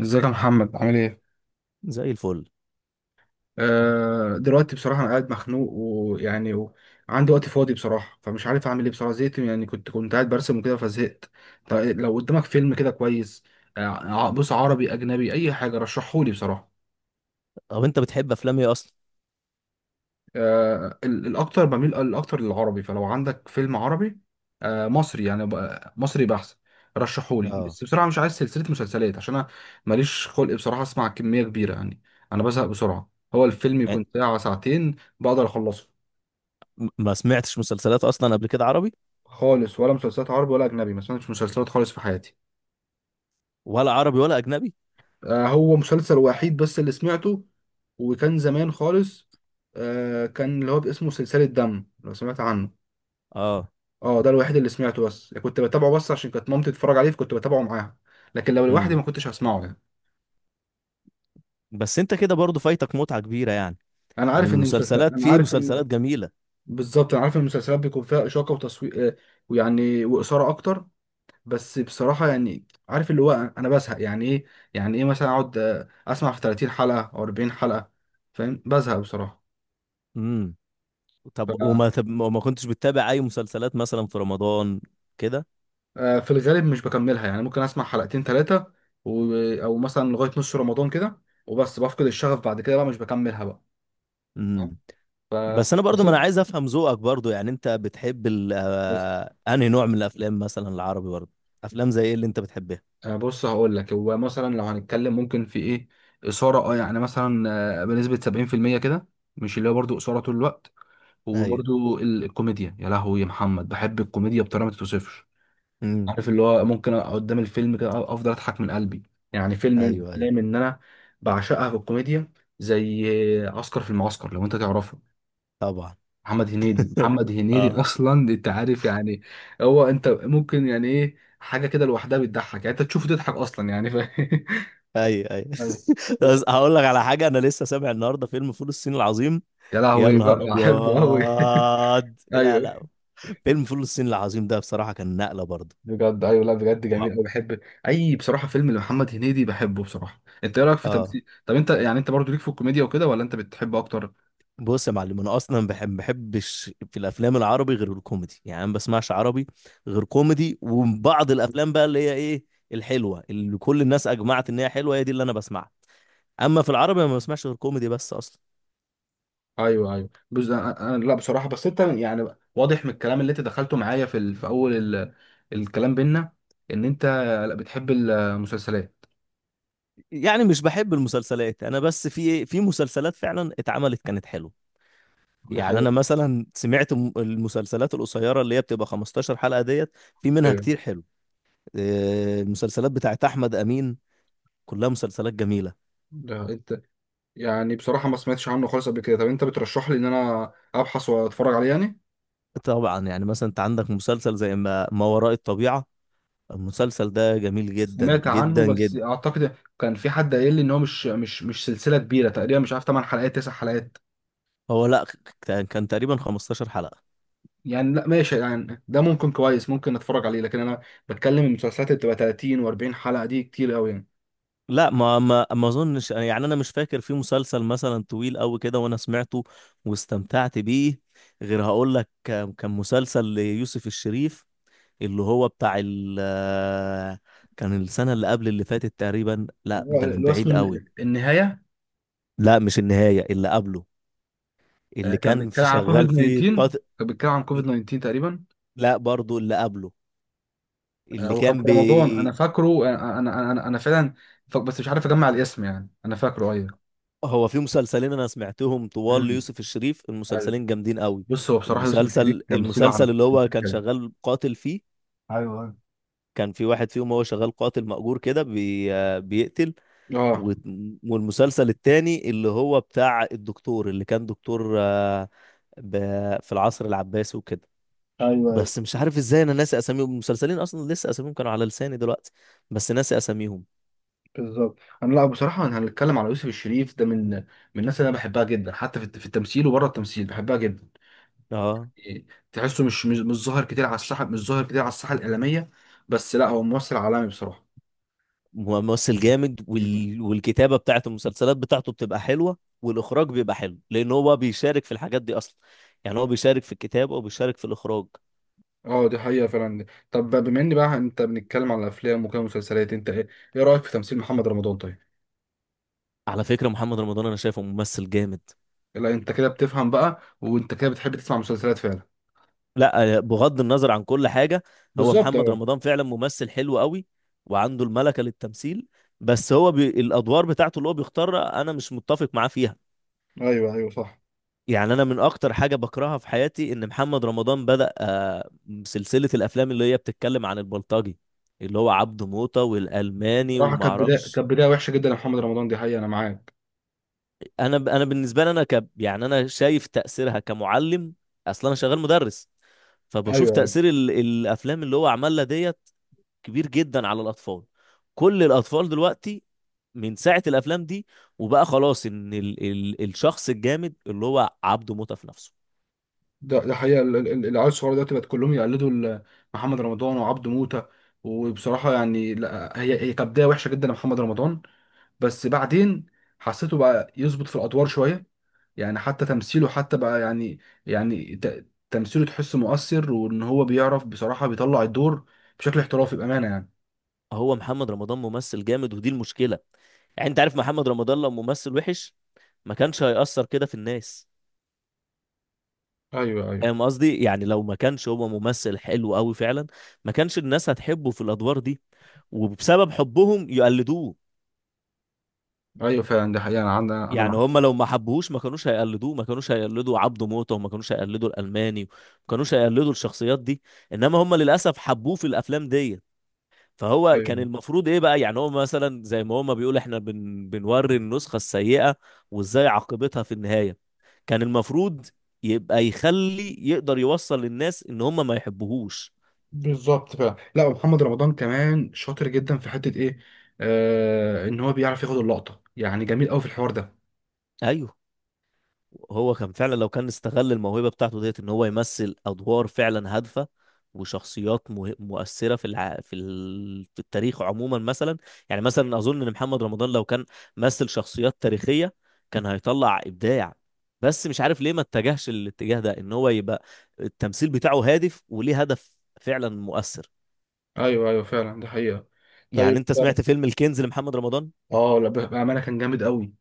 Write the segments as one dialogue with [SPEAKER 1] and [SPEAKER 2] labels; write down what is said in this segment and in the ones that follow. [SPEAKER 1] ازيك يا محمد، عامل ايه؟
[SPEAKER 2] زي الفل.
[SPEAKER 1] دلوقتي بصراحة أنا قاعد مخنوق وعندي وقت فاضي بصراحة، فمش عارف أعمل إيه بصراحة. زهقت يعني، كنت قاعد برسم وكده فزهقت. طيب، لو قدامك فيلم كده كويس. بص، عربي أجنبي أي حاجة رشحهولي بصراحة.
[SPEAKER 2] طب انت بتحب افلام ايه اصلا؟
[SPEAKER 1] الاكتر بميل الاكتر للعربي، فلو عندك فيلم عربي. مصري يعني مصري بحث. رشحولي
[SPEAKER 2] اه،
[SPEAKER 1] بس بسرعه، مش عايز سلسله مسلسلات عشان انا ماليش خلق بصراحه اسمع كميه كبيره يعني. انا بزهق بسرعه، هو الفيلم
[SPEAKER 2] يعني
[SPEAKER 1] يكون ساعه ساعتين بقدر اخلصه.
[SPEAKER 2] ما سمعتش مسلسلات اصلا قبل كده عربي.
[SPEAKER 1] خالص، ولا مسلسلات عربي ولا اجنبي، ما سمعتش مسلسلات خالص في حياتي.
[SPEAKER 2] ولا عربي ولا اجنبي.
[SPEAKER 1] هو مسلسل وحيد بس اللي سمعته، وكان زمان خالص. كان اللي هو اسمه سلسله دم، لو سمعت عنه.
[SPEAKER 2] اه.
[SPEAKER 1] اه، ده الوحيد اللي سمعته بس، يعني كنت بتابعه بس عشان كانت مامتي تتفرج عليه فكنت بتابعه معاها، لكن لو لوحدي
[SPEAKER 2] امم.
[SPEAKER 1] ما كنتش هسمعه يعني.
[SPEAKER 2] بس انت كده برضو فايتك متعة كبيرة، يعني من المسلسلات،
[SPEAKER 1] انا
[SPEAKER 2] في
[SPEAKER 1] عارف ان،
[SPEAKER 2] مسلسلات جميلة.
[SPEAKER 1] بالظبط انا عارف ان المسلسلات بيكون فيها اشاقه وتصوير ويعني واثاره اكتر. بس بصراحه يعني عارف اللي هو انا بزهق يعني ايه. يعني ايه، مثلا اقعد اسمع في 30 حلقه او 40 حلقه، فاهم؟ بزهق بصراحه.
[SPEAKER 2] امم.
[SPEAKER 1] ف
[SPEAKER 2] طب وما كنتش بتتابع اي مسلسلات مثلا في رمضان كده؟
[SPEAKER 1] آه، في الغالب مش بكملها يعني، ممكن اسمع حلقتين ثلاثه و... او مثلا لغايه نص رمضان كده، وبس بفقد الشغف بعد كده بقى مش بكملها بقى.
[SPEAKER 2] امم.
[SPEAKER 1] ف
[SPEAKER 2] بس انا برضو،
[SPEAKER 1] بس
[SPEAKER 2] ما انا
[SPEAKER 1] انت
[SPEAKER 2] عايز افهم ذوقك برضو، يعني انت بتحب ال
[SPEAKER 1] بس
[SPEAKER 2] آه، انهي نوع من الافلام مثلا، العربي برضو؟ افلام زي ايه اللي انت بتحبها؟
[SPEAKER 1] بص هقول لك، هو مثلا لو هنتكلم ممكن في ايه، اثاره يعني مثلا بنسبه 70% كده، مش اللي هو برضه اثاره طول الوقت.
[SPEAKER 2] ايوه.
[SPEAKER 1] وبرضه الكوميديا، يا لهوي يا محمد بحب الكوميديا بطريقه ما تتوصفش.
[SPEAKER 2] امم.
[SPEAKER 1] عارف اللي هو ممكن أقعد قدام الفيلم كده افضل اضحك من قلبي. يعني فيلم من
[SPEAKER 2] ايوه ايوه.
[SPEAKER 1] الافلام ان انا بعشقها في الكوميديا، زي عسكر في المعسكر، لو انت تعرفه.
[SPEAKER 2] طبعا.
[SPEAKER 1] محمد هنيدي،
[SPEAKER 2] اه.
[SPEAKER 1] اصلا انت عارف يعني. هو انت ممكن يعني ايه حاجه كده لوحدها بتضحك، يعني انت تشوفه تضحك اصلا يعني
[SPEAKER 2] ايوه ايوه.
[SPEAKER 1] أيوة.
[SPEAKER 2] بس هقول لك على حاجه، انا لسه سامع النهارده فيلم فول الصين العظيم.
[SPEAKER 1] يا
[SPEAKER 2] يا
[SPEAKER 1] لهوي بقى،
[SPEAKER 2] نهار ابيض.
[SPEAKER 1] بحبه قوي.
[SPEAKER 2] لا
[SPEAKER 1] ايوه.
[SPEAKER 2] لا، فيلم فول الصين العظيم ده بصراحه كان نقله برضه.
[SPEAKER 1] بجد ايوه، لا بجد جميل قوي
[SPEAKER 2] واو.
[SPEAKER 1] بحب. اي بصراحه فيلم لمحمد هنيدي بحبه بصراحه. انت ايه رايك في
[SPEAKER 2] اه.
[SPEAKER 1] تمثيل؟ طب انت يعني، انت برضو ليك في الكوميديا وكده ولا انت بتحب اكتر؟
[SPEAKER 2] بص يا معلم، انا اصلا بحب، ما بحبش في الافلام العربي غير الكوميدي، يعني أنا ما بسمعش عربي غير كوميدي، وبعض الافلام بقى اللي هي ايه، الحلوه اللي كل الناس اجمعت ان هي حلوه، هي دي اللي انا بسمعها. اما في العربي أنا ما بسمعش غير كوميدي بس اصلا.
[SPEAKER 1] ايوه ايوه، بص لا بصراحه، بس انت يعني واضح من الكلام اللي انت دخلته معايا في في اول الكلام بينا، ان انت لا بتحب المسلسلات.
[SPEAKER 2] يعني مش بحب المسلسلات انا، بس في مسلسلات فعلا اتعملت كانت حلوه.
[SPEAKER 1] دي
[SPEAKER 2] يعني انا
[SPEAKER 1] حقيقة.
[SPEAKER 2] مثلا سمعت المسلسلات القصيره اللي هي بتبقى 15 حلقه ديت، في منها
[SPEAKER 1] ايوه
[SPEAKER 2] كتير حلو. المسلسلات بتاعت احمد امين كلها مسلسلات جميله.
[SPEAKER 1] ده انت، يعني بصراحه ما سمعتش عنه خالص قبل كده. طب انت بترشح لي ان انا ابحث واتفرج عليه يعني.
[SPEAKER 2] طبعا، يعني مثلا انت عندك مسلسل زي ما وراء الطبيعه، المسلسل ده جميل جدا
[SPEAKER 1] سمعت عنه،
[SPEAKER 2] جدا
[SPEAKER 1] بس
[SPEAKER 2] جدا.
[SPEAKER 1] اعتقد كان في حد قايل لي ان هو مش سلسله كبيره، تقريبا مش عارف 8 حلقات 9 حلقات
[SPEAKER 2] هو لا، كان تقريبا 15 حلقه.
[SPEAKER 1] يعني. لا ماشي يعني، ده ممكن كويس، ممكن اتفرج عليه، لكن انا بتكلم المسلسلات اللي بتبقى 30 و40 حلقه، دي كتير قوي يعني.
[SPEAKER 2] لا، ما اظنش، يعني انا مش فاكر في مسلسل مثلا طويل قوي كده وانا سمعته واستمتعت بيه، غير هقول لك، كان مسلسل ليوسف الشريف اللي هو بتاع ال، كان السنة اللي قبل اللي فاتت تقريبا، لا
[SPEAKER 1] هو
[SPEAKER 2] ده من
[SPEAKER 1] اللي هو اسمه
[SPEAKER 2] بعيد قوي.
[SPEAKER 1] النهاية.
[SPEAKER 2] لا مش النهاية، اللي قبله، اللي
[SPEAKER 1] كان
[SPEAKER 2] كان
[SPEAKER 1] بيتكلم
[SPEAKER 2] في
[SPEAKER 1] عن كوفيد
[SPEAKER 2] شغال فيه
[SPEAKER 1] 19،
[SPEAKER 2] قاتل.
[SPEAKER 1] كان بيتكلم عن كوفيد 19 تقريبا.
[SPEAKER 2] لا برضو اللي قبله اللي
[SPEAKER 1] وكان في
[SPEAKER 2] كان
[SPEAKER 1] رمضان انا
[SPEAKER 2] بي.
[SPEAKER 1] فاكره. أنا فعلا بس مش عارف اجمع الاسم يعني، انا فاكره ايوه.
[SPEAKER 2] هو في مسلسلين انا سمعتهم طوال
[SPEAKER 1] مم.
[SPEAKER 2] ليوسف الشريف،
[SPEAKER 1] أيوة.
[SPEAKER 2] المسلسلين جامدين قوي.
[SPEAKER 1] بص، هو بصراحة يوسف الشريف
[SPEAKER 2] المسلسل
[SPEAKER 1] تمثيله على،
[SPEAKER 2] المسلسل اللي هو كان
[SPEAKER 1] ايوه.
[SPEAKER 2] شغال قاتل فيه،
[SPEAKER 1] ايوه
[SPEAKER 2] كان في واحد فيهم هو شغال قاتل مأجور كده بي... آه، بيقتل.
[SPEAKER 1] اه
[SPEAKER 2] و- والمسلسل التاني اللي هو بتاع الدكتور اللي كان دكتور ب... في العصر العباسي وكده.
[SPEAKER 1] ايوه ايوه.
[SPEAKER 2] بس مش عارف ازاي انا ناسي اساميهم، المسلسلين اصلا لسه اساميهم كانوا على لساني دلوقتي، بس ناسي اساميهم.
[SPEAKER 1] بالظبط انا، لا بصراحه انا هنتكلم على يوسف الشريف ده من الناس اللي انا بحبها جدا، حتى في التمثيل وبره التمثيل بحبها جدا.
[SPEAKER 2] اه،
[SPEAKER 1] إيه، تحسه مش ظاهر كتير على الساحه، مش ظاهر كتير على الساحه الاعلاميه، بس لا هو ممثل عالمي بصراحه.
[SPEAKER 2] ممثل جامد والكتابه بتاعت المسلسلات بتاعته بتبقى حلوه، والاخراج بيبقى حلو لان هو بيشارك في الحاجات دي اصلا، يعني هو بيشارك في الكتابه وبيشارك في الاخراج.
[SPEAKER 1] اه دي حقيقة فعلا. طب بما ان بقى انت بنتكلم على الافلام وكده مسلسلات، انت ايه رأيك في تمثيل محمد رمضان؟ طيب.
[SPEAKER 2] على فكره محمد رمضان انا شايفه ممثل جامد.
[SPEAKER 1] لا انت كده بتفهم بقى، وانت كده بتحب تسمع مسلسلات فعلا.
[SPEAKER 2] لا بغض النظر عن كل حاجه، هو
[SPEAKER 1] بالظبط
[SPEAKER 2] محمد
[SPEAKER 1] اه.
[SPEAKER 2] رمضان فعلا ممثل حلو قوي وعنده الملكه للتمثيل، بس هو الادوار بتاعته اللي هو بيختارها انا مش متفق معاه فيها.
[SPEAKER 1] ايوه ايوه صح.
[SPEAKER 2] يعني انا من اكتر حاجه بكرهها في حياتي ان محمد رمضان بدأ سلسله الافلام اللي هي بتتكلم عن البلطجي، اللي هو عبده موطة والالماني
[SPEAKER 1] بصراحة،
[SPEAKER 2] وما
[SPEAKER 1] كانت بداية
[SPEAKER 2] اعرفش.
[SPEAKER 1] كانت بداية وحشة جدا لمحمد رمضان، دي حقيقة انا معاك.
[SPEAKER 2] انا بالنسبه لي يعني انا شايف تاثيرها كمعلم، اصلا انا شغال مدرس، فبشوف
[SPEAKER 1] ايوه ايوه،
[SPEAKER 2] تاثير الافلام اللي هو عملها ديت كبير جدا على الاطفال. كل الاطفال دلوقتي من ساعه الافلام دي وبقى خلاص ان الشخص الجامد اللي هو عبده موطة في نفسه.
[SPEAKER 1] ده حقيقة العيال الصغيرة دلوقتي بقت كلهم يقلدوا محمد رمضان وعبده موتة. وبصراحة يعني، لا هي كانت بداية وحشة جدا لمحمد رمضان، بس بعدين حسيته بقى يظبط في الادوار شويه. يعني حتى تمثيله، حتى بقى يعني، يعني تمثيله تحس مؤثر، وان هو بيعرف بصراحه بيطلع الدور بشكل احترافي بامانه يعني.
[SPEAKER 2] هو محمد رمضان ممثل جامد ودي المشكلة، يعني انت عارف محمد رمضان لو ممثل وحش ما كانش هيأثر كده في الناس.
[SPEAKER 1] ايوه ايوه
[SPEAKER 2] فاهم قصدي؟ يعني لو ما كانش هو ممثل حلو قوي فعلا، ما كانش الناس هتحبه في الادوار دي وبسبب حبهم يقلدوه.
[SPEAKER 1] ايوه فعلا، ده حقيقه انا عندي، انا
[SPEAKER 2] يعني
[SPEAKER 1] معاك.
[SPEAKER 2] هم لو ما حبوهوش ما كانوش هيقلدوه، ما كانوش هيقلدوا عبده موته وما كانوش هيقلدوا الالماني وما كانوش هيقلدوا الشخصيات دي، انما هم للاسف حبوه في الافلام ديت. فهو كان
[SPEAKER 1] ايوه
[SPEAKER 2] المفروض ايه بقى، يعني هو مثلا زي ما هما بيقول احنا بنوري النسخة السيئة وازاي عاقبتها في النهاية، كان المفروض يبقى يخلي، يقدر يوصل للناس ان هما ما يحبوهوش.
[SPEAKER 1] بالظبط فعلا. لا، ومحمد رمضان كمان شاطر جدا في حته ايه، آه، ان هو بيعرف ياخد اللقطه، يعني جميل قوي في الحوار ده.
[SPEAKER 2] ايوه. هو كان فعلا لو كان استغل الموهبة بتاعته ديت ان هو يمثل ادوار فعلا هادفة وشخصيات مؤثرة في الع... في ال... في التاريخ عموما مثلا. يعني مثلا اظن ان محمد رمضان لو كان مثل شخصيات تاريخية كان هيطلع ابداع، بس مش عارف ليه ما اتجهش للاتجاه ده، ان هو يبقى التمثيل بتاعه هادف وليه هدف فعلا مؤثر.
[SPEAKER 1] ايوه ايوه فعلا، ده حقيقة.
[SPEAKER 2] يعني
[SPEAKER 1] طيب.
[SPEAKER 2] انت سمعت فيلم الكنز لمحمد رمضان؟
[SPEAKER 1] اه لا بامانه كان جامد قوي.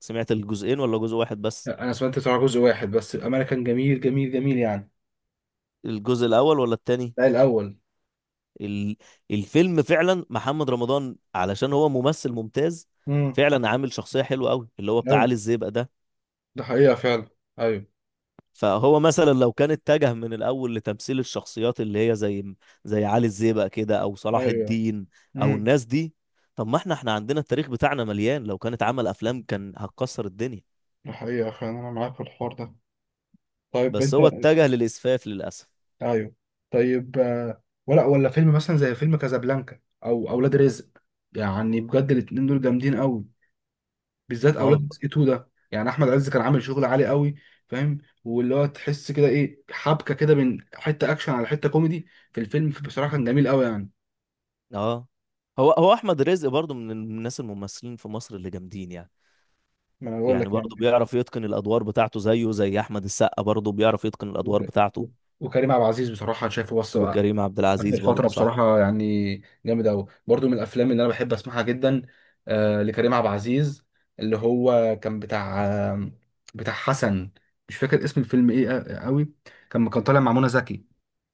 [SPEAKER 2] سمعت الجزئين ولا جزء واحد بس؟
[SPEAKER 1] لا، انا سمعت بتاع جزء واحد بس، الامانه كان جميل جميل جميل يعني.
[SPEAKER 2] الجزء الاول ولا التاني؟
[SPEAKER 1] لا الاول.
[SPEAKER 2] ال- الفيلم فعلا محمد رمضان علشان هو ممثل ممتاز،
[SPEAKER 1] امم.
[SPEAKER 2] فعلا عامل شخصية حلوة قوي اللي هو بتاع
[SPEAKER 1] ايوه
[SPEAKER 2] علي الزيبق ده.
[SPEAKER 1] ده حقيقه فعلا. ايوه.
[SPEAKER 2] فهو مثلا لو كان اتجه من الأول لتمثيل الشخصيات اللي هي زي زي علي الزيبق كده، أو صلاح
[SPEAKER 1] ايوه
[SPEAKER 2] الدين أو
[SPEAKER 1] امم،
[SPEAKER 2] الناس دي، طب ما احنا عندنا التاريخ بتاعنا مليان، لو كانت عمل أفلام كان هتكسر الدنيا.
[SPEAKER 1] ده حقيقه فعلا انا معاك في الحوار ده. طيب
[SPEAKER 2] بس
[SPEAKER 1] انت.
[SPEAKER 2] هو اتجه للإسفاف للأسف.
[SPEAKER 1] ايوه طيب. ولا فيلم مثلا زي فيلم كازابلانكا او اولاد رزق، يعني بجد الاتنين دول جامدين قوي، بالذات
[SPEAKER 2] ما
[SPEAKER 1] اولاد
[SPEAKER 2] هو
[SPEAKER 1] رزق 2 ده. يعني احمد عز كان عامل شغل عالي قوي، فاهم، واللي هو تحس كده ايه حبكه كده، من حته اكشن على حته كوميدي في الفيلم، بصراحه كان جميل قوي يعني.
[SPEAKER 2] اه. هو أحمد رزق برضو من الناس الممثلين في مصر اللي جامدين، يعني
[SPEAKER 1] ما انا بقول
[SPEAKER 2] يعني
[SPEAKER 1] لك
[SPEAKER 2] برضه
[SPEAKER 1] يعني.
[SPEAKER 2] بيعرف يتقن الادوار بتاعته، زيه زي احمد السقا برضه بيعرف يتقن الادوار
[SPEAKER 1] وك-
[SPEAKER 2] بتاعته.
[SPEAKER 1] وكريم عبد العزيز بصراحة أنا شايفه بص
[SPEAKER 2] وكريم
[SPEAKER 1] آخر
[SPEAKER 2] عبد العزيز
[SPEAKER 1] فترة،
[SPEAKER 2] برضه، صح.
[SPEAKER 1] بصراحة يعني جامد أوي برضو، من الأفلام اللي أنا بحب أسمعها جدا. آه لكريم عبد العزيز، اللي هو كان بتاع بتاع حسن، مش فاكر اسم الفيلم إيه، أوي. كان طالع مع منى زكي.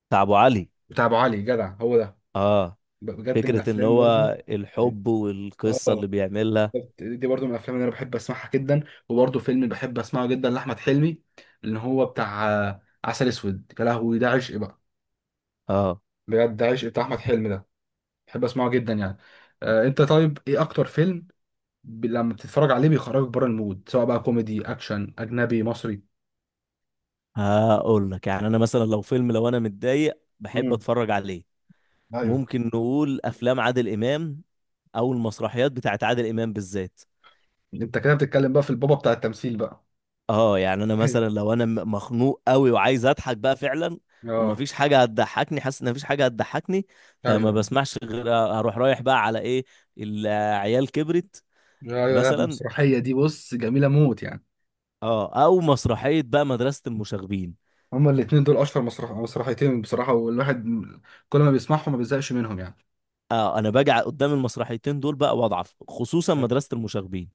[SPEAKER 2] بتاع ابو علي.
[SPEAKER 1] بتاع أبو علي، جدع هو ده.
[SPEAKER 2] اه،
[SPEAKER 1] بجد من
[SPEAKER 2] فكره ان
[SPEAKER 1] الأفلام
[SPEAKER 2] هو
[SPEAKER 1] برضو.
[SPEAKER 2] الحب والقصه
[SPEAKER 1] اه
[SPEAKER 2] اللي بيعملها.
[SPEAKER 1] دي برضو من الافلام اللي انا بحب اسمعها جدا. وبرضو فيلم اللي بحب اسمعه جدا لاحمد حلمي، اللي هو بتاع عسل اسود، يا لهوي ده عشق بقى.
[SPEAKER 2] اه،
[SPEAKER 1] بجد عشق بتاع احمد حلمي ده، بحب اسمعه جدا يعني. آه انت، طيب ايه اكتر فيلم لما بتتفرج عليه بيخرجك بره المود، سواء بقى كوميدي اكشن اجنبي مصري؟
[SPEAKER 2] هقول لك، يعني انا مثلا لو فيلم، لو انا متضايق بحب
[SPEAKER 1] امم.
[SPEAKER 2] اتفرج عليه،
[SPEAKER 1] ايوه.
[SPEAKER 2] ممكن نقول افلام عادل امام، او المسرحيات بتاعت عادل امام بالذات.
[SPEAKER 1] انت كده بتتكلم بقى في البابا بتاع التمثيل بقى.
[SPEAKER 2] اه، يعني انا
[SPEAKER 1] ايوه
[SPEAKER 2] مثلا لو انا مخنوق قوي وعايز اضحك بقى فعلا،
[SPEAKER 1] اه
[SPEAKER 2] ومفيش حاجه هتضحكني، حاسس ان مفيش حاجه هتضحكني، فما
[SPEAKER 1] ايوه
[SPEAKER 2] بسمعش غير، اروح رايح بقى على ايه، العيال كبرت
[SPEAKER 1] ايوه. لا
[SPEAKER 2] مثلا.
[SPEAKER 1] المسرحيه دي بص جميله موت يعني.
[SPEAKER 2] اه، او مسرحيه بقى مدرسه المشاغبين.
[SPEAKER 1] هما الاتنين دول اشهر مسرحيتين بصراحه، والواحد كل ما بيسمعهم ما بيزهقش منهم يعني.
[SPEAKER 2] اه، انا باجي قدام المسرحيتين دول بقى واضعف، خصوصا مدرسه المشاغبين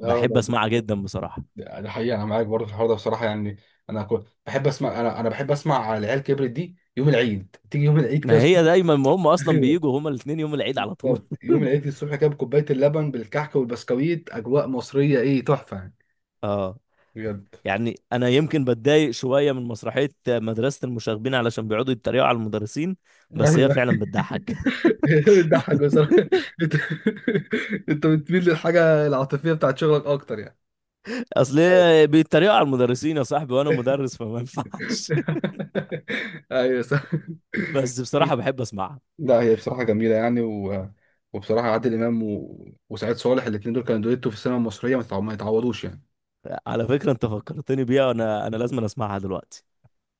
[SPEAKER 1] اه
[SPEAKER 2] بحب
[SPEAKER 1] لا.
[SPEAKER 2] اسمعها جدا بصراحه.
[SPEAKER 1] ده حقيقة أنا معاك برضه في الحوار ده بصراحة يعني. أنا كنت بحب أسمع، أنا بحب أسمع على العيال كبرت دي يوم العيد، تيجي يوم العيد كده
[SPEAKER 2] ما هي
[SPEAKER 1] الصبح.
[SPEAKER 2] دايما ما هم اصلا
[SPEAKER 1] أيوه.
[SPEAKER 2] بيجوا هما الاثنين يوم العيد على طول.
[SPEAKER 1] بالظبط يوم العيد الصبح كده بكوباية اللبن بالكحك والبسكويت، أجواء مصرية إيه، تحفة يعني.
[SPEAKER 2] اه،
[SPEAKER 1] بجد.
[SPEAKER 2] يعني انا يمكن بتضايق شويه من مسرحيه مدرسه المشاغبين علشان بيقعدوا يتريقوا على المدرسين،
[SPEAKER 1] لا
[SPEAKER 2] بس هي
[SPEAKER 1] أيوه.
[SPEAKER 2] فعلا بتضحك.
[SPEAKER 1] بتضحك بصراحة. أنت، أنت بتميل للحاجة العاطفية بتاعت شغلك أكتر يعني.
[SPEAKER 2] اصل هي بيتريقوا على المدرسين يا صاحبي وانا مدرس فما ينفعش.
[SPEAKER 1] أيوه صح.
[SPEAKER 2] بس بصراحه بحب اسمعها.
[SPEAKER 1] لا هي بصراحة جميلة يعني وبصراحة عادل إمام وسعيد صالح الاتنين دول كانوا دويتو في السينما المصرية، ما يتعوضوش يعني.
[SPEAKER 2] على فكره انت فكرتني بيها، وانا لازم اسمعها دلوقتي.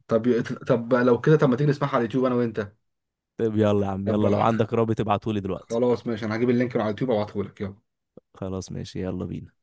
[SPEAKER 1] طب لو كده، طب ما تيجي نسمعها على اليوتيوب أنا وأنت؟
[SPEAKER 2] طيب يلا يا عم،
[SPEAKER 1] طب
[SPEAKER 2] يلا لو عندك رابط ابعتهولي دلوقتي.
[SPEAKER 1] خلاص ماشي، أنا هجيب اللينك من على اليوتيوب وأبعتهولك، يلا.
[SPEAKER 2] خلاص ماشي، يلا بينا.